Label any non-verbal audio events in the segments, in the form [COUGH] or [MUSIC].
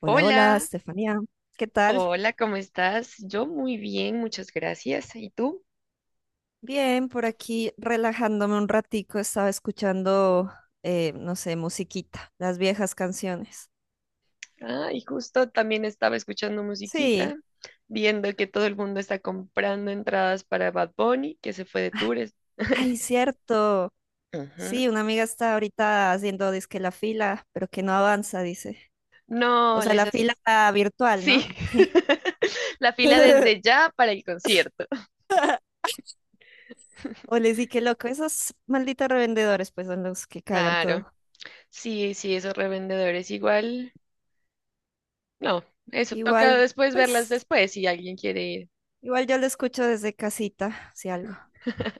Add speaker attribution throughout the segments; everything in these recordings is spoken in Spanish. Speaker 1: Hola, hola,
Speaker 2: Hola,
Speaker 1: Estefanía. ¿Qué tal?
Speaker 2: hola, ¿cómo estás? Yo muy bien, muchas gracias. ¿Y tú?
Speaker 1: Bien, por aquí relajándome un ratico, estaba escuchando, no sé, musiquita, las viejas canciones.
Speaker 2: Ah, y justo también estaba escuchando
Speaker 1: Sí,
Speaker 2: musiquita, viendo que todo el mundo está comprando entradas para Bad Bunny, que se fue de tours.
Speaker 1: ay,
Speaker 2: [LAUGHS]
Speaker 1: cierto.
Speaker 2: Ujú.
Speaker 1: Sí, una amiga está ahorita haciendo dizque la fila, pero que no avanza, dice. O
Speaker 2: No,
Speaker 1: sea,
Speaker 2: les
Speaker 1: la
Speaker 2: hace...
Speaker 1: fila virtual,
Speaker 2: Sí,
Speaker 1: ¿no?
Speaker 2: [LAUGHS] la fila desde
Speaker 1: [LAUGHS]
Speaker 2: ya para el concierto.
Speaker 1: O
Speaker 2: [LAUGHS]
Speaker 1: les di que loco, esos malditos revendedores, pues son los que cagan todo.
Speaker 2: Claro, sí, sí, esos revendedores igual. No, eso toca
Speaker 1: Igual,
Speaker 2: después verlas
Speaker 1: pues,
Speaker 2: después si alguien quiere ir.
Speaker 1: igual yo lo escucho desde casita, si algo.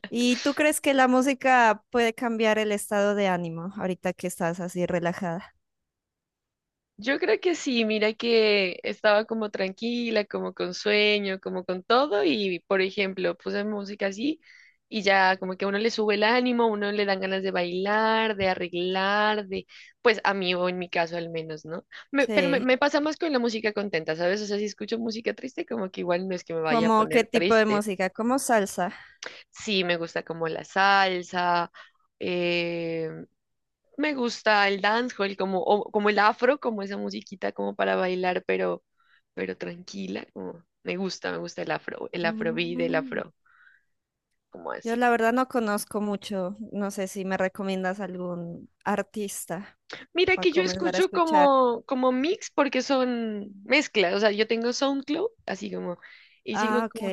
Speaker 1: ¿Y tú crees que la música puede cambiar el estado de ánimo ahorita que estás así relajada?
Speaker 2: Yo creo que sí, mira que estaba como tranquila, como con sueño, como con todo y por ejemplo puse música así y ya como que a uno le sube el ánimo, a uno le dan ganas de bailar, de arreglar, de pues a mí o en mi caso al menos, ¿no? Pero
Speaker 1: Sí.
Speaker 2: me pasa más con la música contenta, ¿sabes? O sea, si escucho música triste como que igual no es que me vaya a
Speaker 1: ¿Cómo qué
Speaker 2: poner
Speaker 1: tipo de
Speaker 2: triste.
Speaker 1: música? ¿Como salsa?
Speaker 2: Sí, me gusta como la salsa. eh, Me gusta el dancehall, como, como el afro, como esa musiquita como para bailar, pero tranquila, como me gusta el afro, el afrobeat, el
Speaker 1: Mm,
Speaker 2: afro, como
Speaker 1: yo
Speaker 2: así.
Speaker 1: la verdad no conozco mucho. No sé si me recomiendas algún artista
Speaker 2: Mira
Speaker 1: para
Speaker 2: que yo
Speaker 1: comenzar a
Speaker 2: escucho
Speaker 1: escuchar.
Speaker 2: como, como mix porque son mezclas, o sea, yo tengo SoundCloud, así como, y sigo
Speaker 1: Ah, ok.
Speaker 2: como,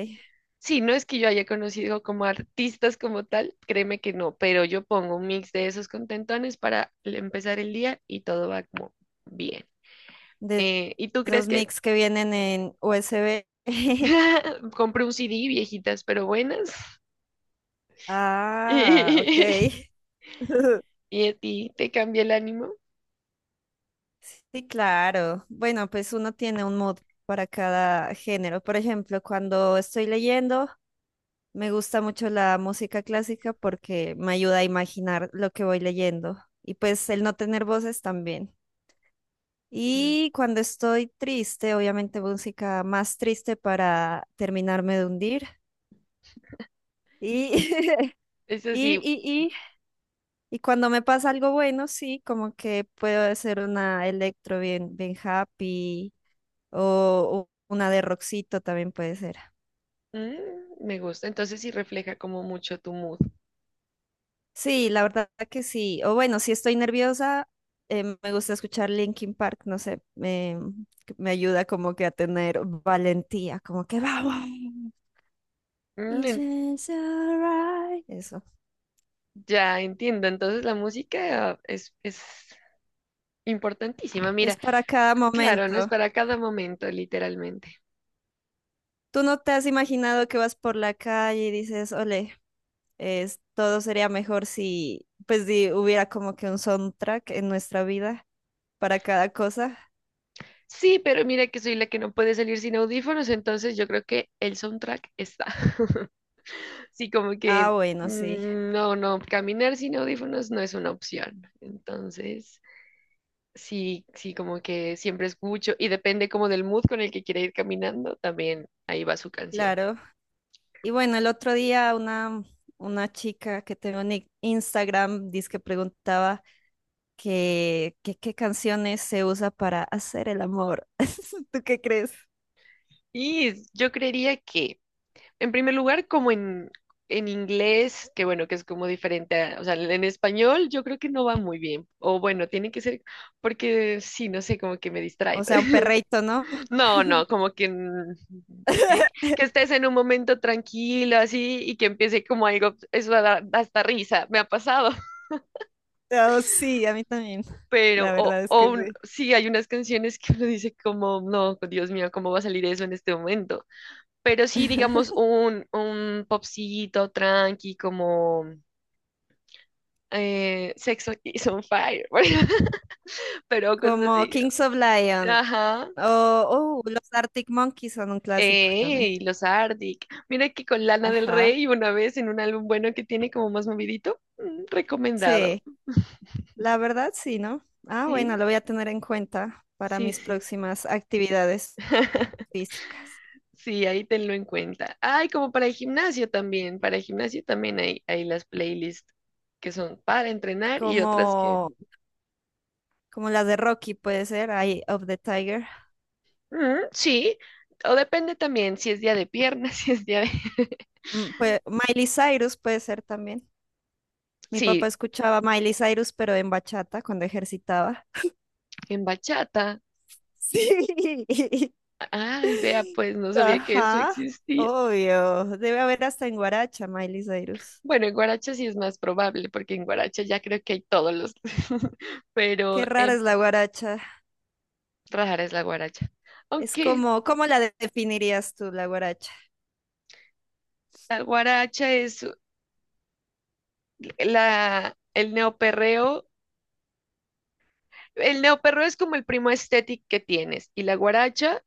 Speaker 2: sí, no es que yo haya conocido como artistas como tal, créeme que no, pero yo pongo un mix de esos contentones para empezar el día y todo va como bien.
Speaker 1: De
Speaker 2: ¿Y tú crees
Speaker 1: esos
Speaker 2: que
Speaker 1: mix que vienen en USB. [LAUGHS]
Speaker 2: [LAUGHS] compré un CD, viejitas, pero buenas.
Speaker 1: Ah, ok.
Speaker 2: [LAUGHS]
Speaker 1: [LAUGHS]
Speaker 2: Y, a ti te cambia el ánimo.
Speaker 1: Sí, claro. Bueno, pues uno tiene un mood para cada género. Por ejemplo, cuando estoy leyendo, me gusta mucho la música clásica porque me ayuda a imaginar lo que voy leyendo. Y pues el no tener voces también.
Speaker 2: Mm.
Speaker 1: Y cuando estoy triste, obviamente música más triste para terminarme de hundir. Y, [LAUGHS]
Speaker 2: Eso
Speaker 1: y,
Speaker 2: sí,
Speaker 1: y, y, y cuando me pasa algo bueno, sí, como que puedo hacer una electro bien, bien happy. O u- una de rockcito también puede ser.
Speaker 2: mm, me gusta. Entonces sí refleja como mucho tu mood.
Speaker 1: Sí, la verdad que sí. O bueno, si estoy nerviosa, me gusta escuchar Linkin Park, no sé, me, que me ayuda como que a tener valentía, como que vamos.
Speaker 2: Mm,
Speaker 1: It's
Speaker 2: en-
Speaker 1: alright. Eso.
Speaker 2: ya entiendo. Entonces la música es importantísima. Mira,
Speaker 1: Es para cada
Speaker 2: claro,
Speaker 1: momento.
Speaker 2: no es para cada momento, literalmente.
Speaker 1: ¿Tú no te has imaginado que vas por la calle y dices, ole, es, todo sería mejor si, pues, si hubiera como que un soundtrack en nuestra vida para cada cosa?
Speaker 2: Sí, pero mira que soy la que no puede salir sin audífonos, entonces yo creo que el soundtrack está. [LAUGHS] Sí, como
Speaker 1: Ah,
Speaker 2: que
Speaker 1: bueno, sí,
Speaker 2: mm, no, no, caminar sin audífonos no es una opción. Entonces, sí, sí, como que siempre escucho y depende como del mood con el que quiera ir caminando, también ahí va su canción.
Speaker 1: claro. Y bueno, el otro día una chica que tengo en i- Instagram dice que preguntaba que qué canciones se usa para hacer el amor. [LAUGHS] ¿Tú qué crees?
Speaker 2: Yo creería que, en primer lugar, como en inglés, que bueno, que es como diferente, o sea, en español yo creo que no va muy bien. O bueno, tiene que ser, porque sí, no sé, como que me
Speaker 1: O
Speaker 2: distrae.
Speaker 1: sea, un
Speaker 2: [LAUGHS]
Speaker 1: perreito, ¿no?
Speaker 2: No, no, como que, mm, que, que estés en un momento tranquilo así y que empiece como algo, eso da hasta risa, me ha pasado, [LAUGHS]
Speaker 1: Oh, sí, a mí también.
Speaker 2: pero
Speaker 1: La verdad es que sí.
Speaker 2: sí, hay unas canciones que uno dice como, no, Dios mío, ¿cómo va a salir eso en este momento? Pero sí, digamos, un popcito tranqui como Sex is on Fire, [LAUGHS] por ejemplo, pero cosas
Speaker 1: Como
Speaker 2: así,
Speaker 1: Kings of Lion
Speaker 2: ajá.
Speaker 1: o oh, los Arctic Monkeys son un clásico también.
Speaker 2: ¡Ey! Los Arctic. Mira que con Lana del
Speaker 1: Ajá.
Speaker 2: Rey una vez en un álbum bueno que tiene como más movidito. Mm, recomendado.
Speaker 1: Sí, la verdad sí, ¿no? Ah, bueno,
Speaker 2: Sí,
Speaker 1: lo voy a tener en cuenta para
Speaker 2: sí,
Speaker 1: mis
Speaker 2: sí.
Speaker 1: próximas actividades
Speaker 2: [LAUGHS]
Speaker 1: físicas.
Speaker 2: Sí, ahí tenlo en cuenta. Ay, como para el gimnasio también. Para el gimnasio también hay las playlists que son para entrenar y
Speaker 1: Como
Speaker 2: otras que...
Speaker 1: como las de Rocky puede ser, Eye of the Tiger.
Speaker 2: Mm, sí, o depende también si es día de piernas, [LAUGHS] si es día de...
Speaker 1: Mm, pue- Miley Cyrus puede ser también. Mi papá
Speaker 2: Sí,
Speaker 1: escuchaba Miley Cyrus, pero en bachata cuando ejercitaba.
Speaker 2: en bachata.
Speaker 1: [LAUGHS] Sí.
Speaker 2: Ay, vea, pues no sabía que eso
Speaker 1: Ajá,
Speaker 2: existía.
Speaker 1: obvio. Debe haber hasta en guaracha, Miley Cyrus.
Speaker 2: Bueno, en Guaracha sí es más probable, porque en Guaracha ya creo que hay todos los, [LAUGHS] pero
Speaker 1: Qué rara es la guaracha.
Speaker 2: rara es la Guaracha.
Speaker 1: Es
Speaker 2: Aunque
Speaker 1: como, ¿cómo la de- definirías tú, la guaracha?
Speaker 2: la Guaracha es la, el neoperreo, el neoperreo es como el primo estético que tienes, y la Guaracha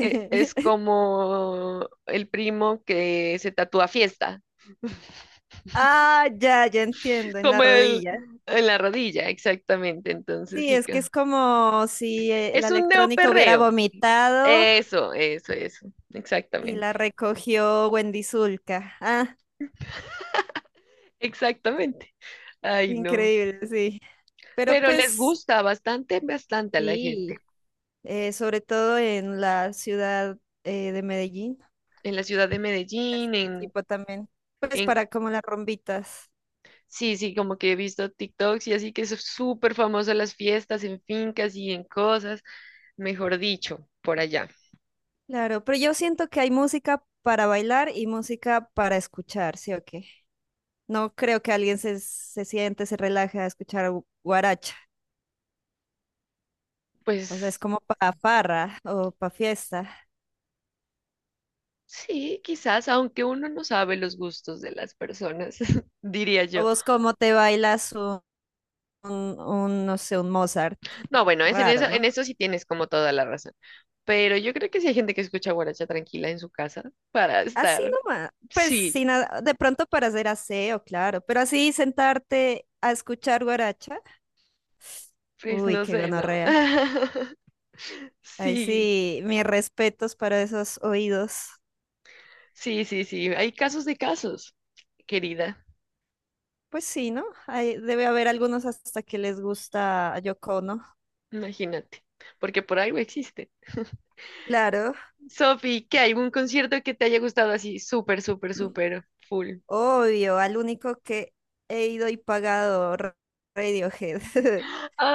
Speaker 2: es como el primo que se tatúa fiesta,
Speaker 1: Ah, ya, ya entiendo, en
Speaker 2: como
Speaker 1: la
Speaker 2: el
Speaker 1: rodilla.
Speaker 2: en la rodilla, exactamente. Entonces
Speaker 1: Sí,
Speaker 2: sí,
Speaker 1: es que es como si la
Speaker 2: es un
Speaker 1: electrónica hubiera
Speaker 2: neoperreo.
Speaker 1: vomitado.
Speaker 2: Eso,
Speaker 1: Y la
Speaker 2: exactamente.
Speaker 1: recogió Wendy Zulka. Ah,
Speaker 2: Exactamente. Ay, no.
Speaker 1: increíble, sí. Pero
Speaker 2: Pero les
Speaker 1: pues,
Speaker 2: gusta bastante, bastante a la gente.
Speaker 1: sí, sobre todo en la ciudad de Medellín,
Speaker 2: En la ciudad de
Speaker 1: ese
Speaker 2: Medellín,
Speaker 1: tipo también, pues
Speaker 2: en,
Speaker 1: para como las rumbitas.
Speaker 2: sí, sí, como que he visto TikToks y así que es súper famoso las fiestas en fincas y en cosas, mejor dicho, por allá.
Speaker 1: Claro, pero yo siento que hay música para bailar y música para escuchar, ¿sí o qué? No creo que alguien se, se siente, se relaje a escuchar gu- guaracha. O sea, es
Speaker 2: Pues
Speaker 1: como para farra o para fiesta.
Speaker 2: sí, quizás, aunque uno no sabe los gustos de las personas, [LAUGHS] diría
Speaker 1: ¿O
Speaker 2: yo.
Speaker 1: vos cómo te bailas un, no sé, un Mozart?
Speaker 2: No, bueno, es
Speaker 1: Raro,
Speaker 2: en
Speaker 1: ¿no?
Speaker 2: eso sí tienes como toda la razón. Pero yo creo que sí hay gente que escucha guaracha tranquila en su casa para
Speaker 1: Así
Speaker 2: estar.
Speaker 1: nomás, pues
Speaker 2: Sí,
Speaker 1: sin a- de pronto para hacer aseo, claro, pero así sentarte a escuchar guaracha,
Speaker 2: pues
Speaker 1: uy,
Speaker 2: no
Speaker 1: qué
Speaker 2: sé, ¿no?
Speaker 1: gonorrea.
Speaker 2: [LAUGHS]
Speaker 1: Ahí
Speaker 2: Sí,
Speaker 1: sí, mis respetos para esos oídos.
Speaker 2: sí, sí, sí. Hay casos de casos, querida.
Speaker 1: Pues sí, ¿no? Ahí debe haber algunos hasta que les gusta Yoko Ono.
Speaker 2: Imagínate. Porque por algo existe. [LAUGHS]
Speaker 1: Claro,
Speaker 2: Sofi, ¿qué hay? ¿Un concierto que te haya gustado así? Súper, súper, súper full.
Speaker 1: obvio, al único que he ido y pagado Ra- Radiohead. [LAUGHS]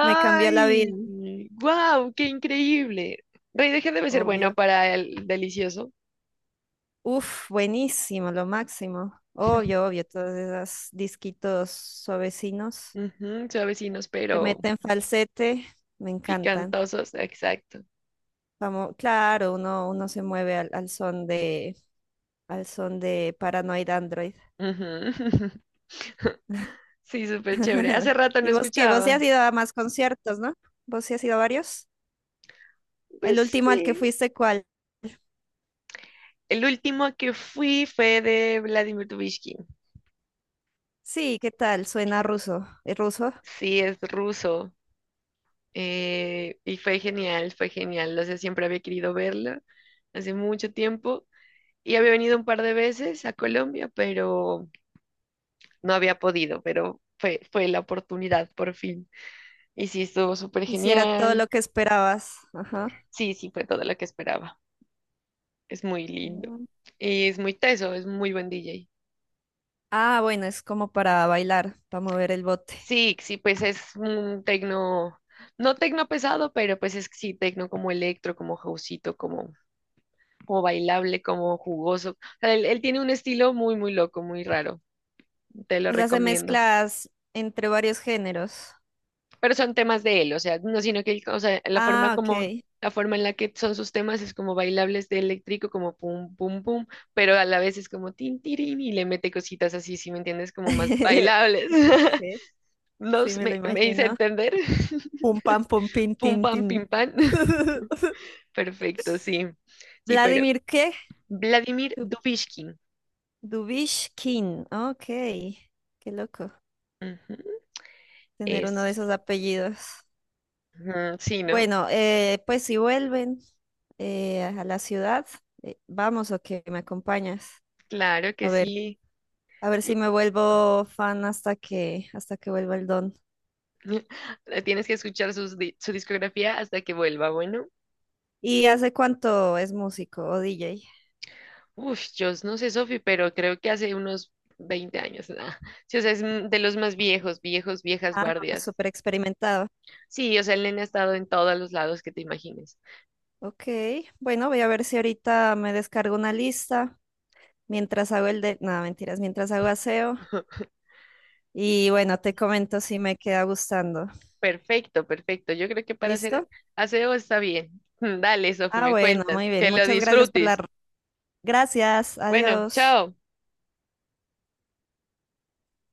Speaker 1: Me cambió la vida,
Speaker 2: ¡Wow! ¡Qué increíble! Rey de Gen debe ser bueno
Speaker 1: obvio.
Speaker 2: para el delicioso.
Speaker 1: Uf, buenísimo, lo máximo. Obvio, obvio, todos esos disquitos suavecinos.
Speaker 2: Ujú, suavecinos,
Speaker 1: Te
Speaker 2: pero
Speaker 1: meten falsete, me encantan.
Speaker 2: picantosos. Exacto.
Speaker 1: Vamos, claro, uno, uno se mueve al, al son de Paranoid Android.
Speaker 2: Ujú. [LAUGHS] Sí, súper chévere. Hace
Speaker 1: [LAUGHS]
Speaker 2: rato no
Speaker 1: ¿Y vos qué? Vos ya
Speaker 2: escuchaba.
Speaker 1: has ido a más conciertos, ¿no? ¿Vos sí has ido a varios?
Speaker 2: Pues
Speaker 1: El último al que
Speaker 2: sí.
Speaker 1: fuiste, ¿cuál?
Speaker 2: El último que fui fue de Vladimir Dubishkin.
Speaker 1: Sí, ¿qué tal? Suena ruso. ¿Es ruso?
Speaker 2: Sí, es ruso. Y fue genial, fue genial. O sea, siempre había querido verlo hace mucho tiempo. Y había venido un par de veces a Colombia, pero no había podido. Pero fue la oportunidad por fin. Y sí, estuvo súper
Speaker 1: Hiciera todo
Speaker 2: genial.
Speaker 1: lo que esperabas. Ajá.
Speaker 2: Sí, sí, fue todo lo que esperaba. Es muy lindo.
Speaker 1: Mm.
Speaker 2: Y es muy teso, es muy buen DJ.
Speaker 1: Ah, bueno, es como para bailar, para mover el bote.
Speaker 2: Sí, sí, pues es un tecno, no tecno pesado, pero pues es sí tecno como electro, como houseito, como, como bailable, como jugoso. O sea, él tiene un estilo muy, muy loco, muy raro. Te lo
Speaker 1: O sea, se
Speaker 2: recomiendo.
Speaker 1: mezclas entre varios géneros.
Speaker 2: Pero son temas de él, o sea, no sino que él, o sea,
Speaker 1: Ah, ok.
Speaker 2: la forma en la que son sus temas es como bailables de eléctrico, como pum, pum, pum, pero a la vez es como tin, tirín y le mete cositas así, ¿si me entiendes? Como más
Speaker 1: [LAUGHS]
Speaker 2: bailables.
Speaker 1: Ok,
Speaker 2: [LAUGHS]
Speaker 1: sí.
Speaker 2: No
Speaker 1: Sí,
Speaker 2: sé,
Speaker 1: me lo
Speaker 2: me hice
Speaker 1: imagino.
Speaker 2: entender. [LAUGHS]
Speaker 1: Pum pam pum pin
Speaker 2: Pum,
Speaker 1: tin
Speaker 2: pam,
Speaker 1: tin.
Speaker 2: pim, pam.
Speaker 1: [LAUGHS]
Speaker 2: Perfecto, sí. Sí, pero
Speaker 1: Vladimir ¿qué?
Speaker 2: Vladimir
Speaker 1: Du-
Speaker 2: Dubishkin.
Speaker 1: Dubishkin. Ok, qué loco
Speaker 2: Ujú.
Speaker 1: tener uno de
Speaker 2: Es.
Speaker 1: esos apellidos.
Speaker 2: Ujú, sí, ¿no?
Speaker 1: Bueno, pues si vuelven a la ciudad, vamos o que me acompañas.
Speaker 2: Claro
Speaker 1: A
Speaker 2: que
Speaker 1: ver,
Speaker 2: sí.
Speaker 1: a ver si
Speaker 2: cl-
Speaker 1: me vuelvo fan hasta que vuelva el don.
Speaker 2: [LAUGHS] Tienes que escuchar sus su discografía hasta que vuelva. Bueno,
Speaker 1: ¿Y hace cuánto es músico o DJ?
Speaker 2: uf, yo no sé, Sofi, pero creo que hace unos 20 años. Nah. Sí, o sea, es mm, de los más viejos, viejos, viejas
Speaker 1: Ah, no, es
Speaker 2: guardias.
Speaker 1: súper experimentado.
Speaker 2: Sí, o sea, el nene ha estado en todos los lados que te imagines.
Speaker 1: Ok, bueno, voy a ver si ahorita me descargo una lista mientras hago el de... No, mentiras, mientras hago aseo.
Speaker 2: [LAUGHS]
Speaker 1: Y bueno, te comento si me queda gustando.
Speaker 2: Perfecto, perfecto. Yo creo que para hacer
Speaker 1: ¿Listo?
Speaker 2: aseo está bien. [LAUGHS] Dale, Sofi,
Speaker 1: Ah,
Speaker 2: me
Speaker 1: bueno,
Speaker 2: cuentas.
Speaker 1: muy
Speaker 2: Que
Speaker 1: bien.
Speaker 2: lo
Speaker 1: Muchas gracias por la...
Speaker 2: disfrutes.
Speaker 1: Gracias,
Speaker 2: Bueno,
Speaker 1: adiós.
Speaker 2: chao.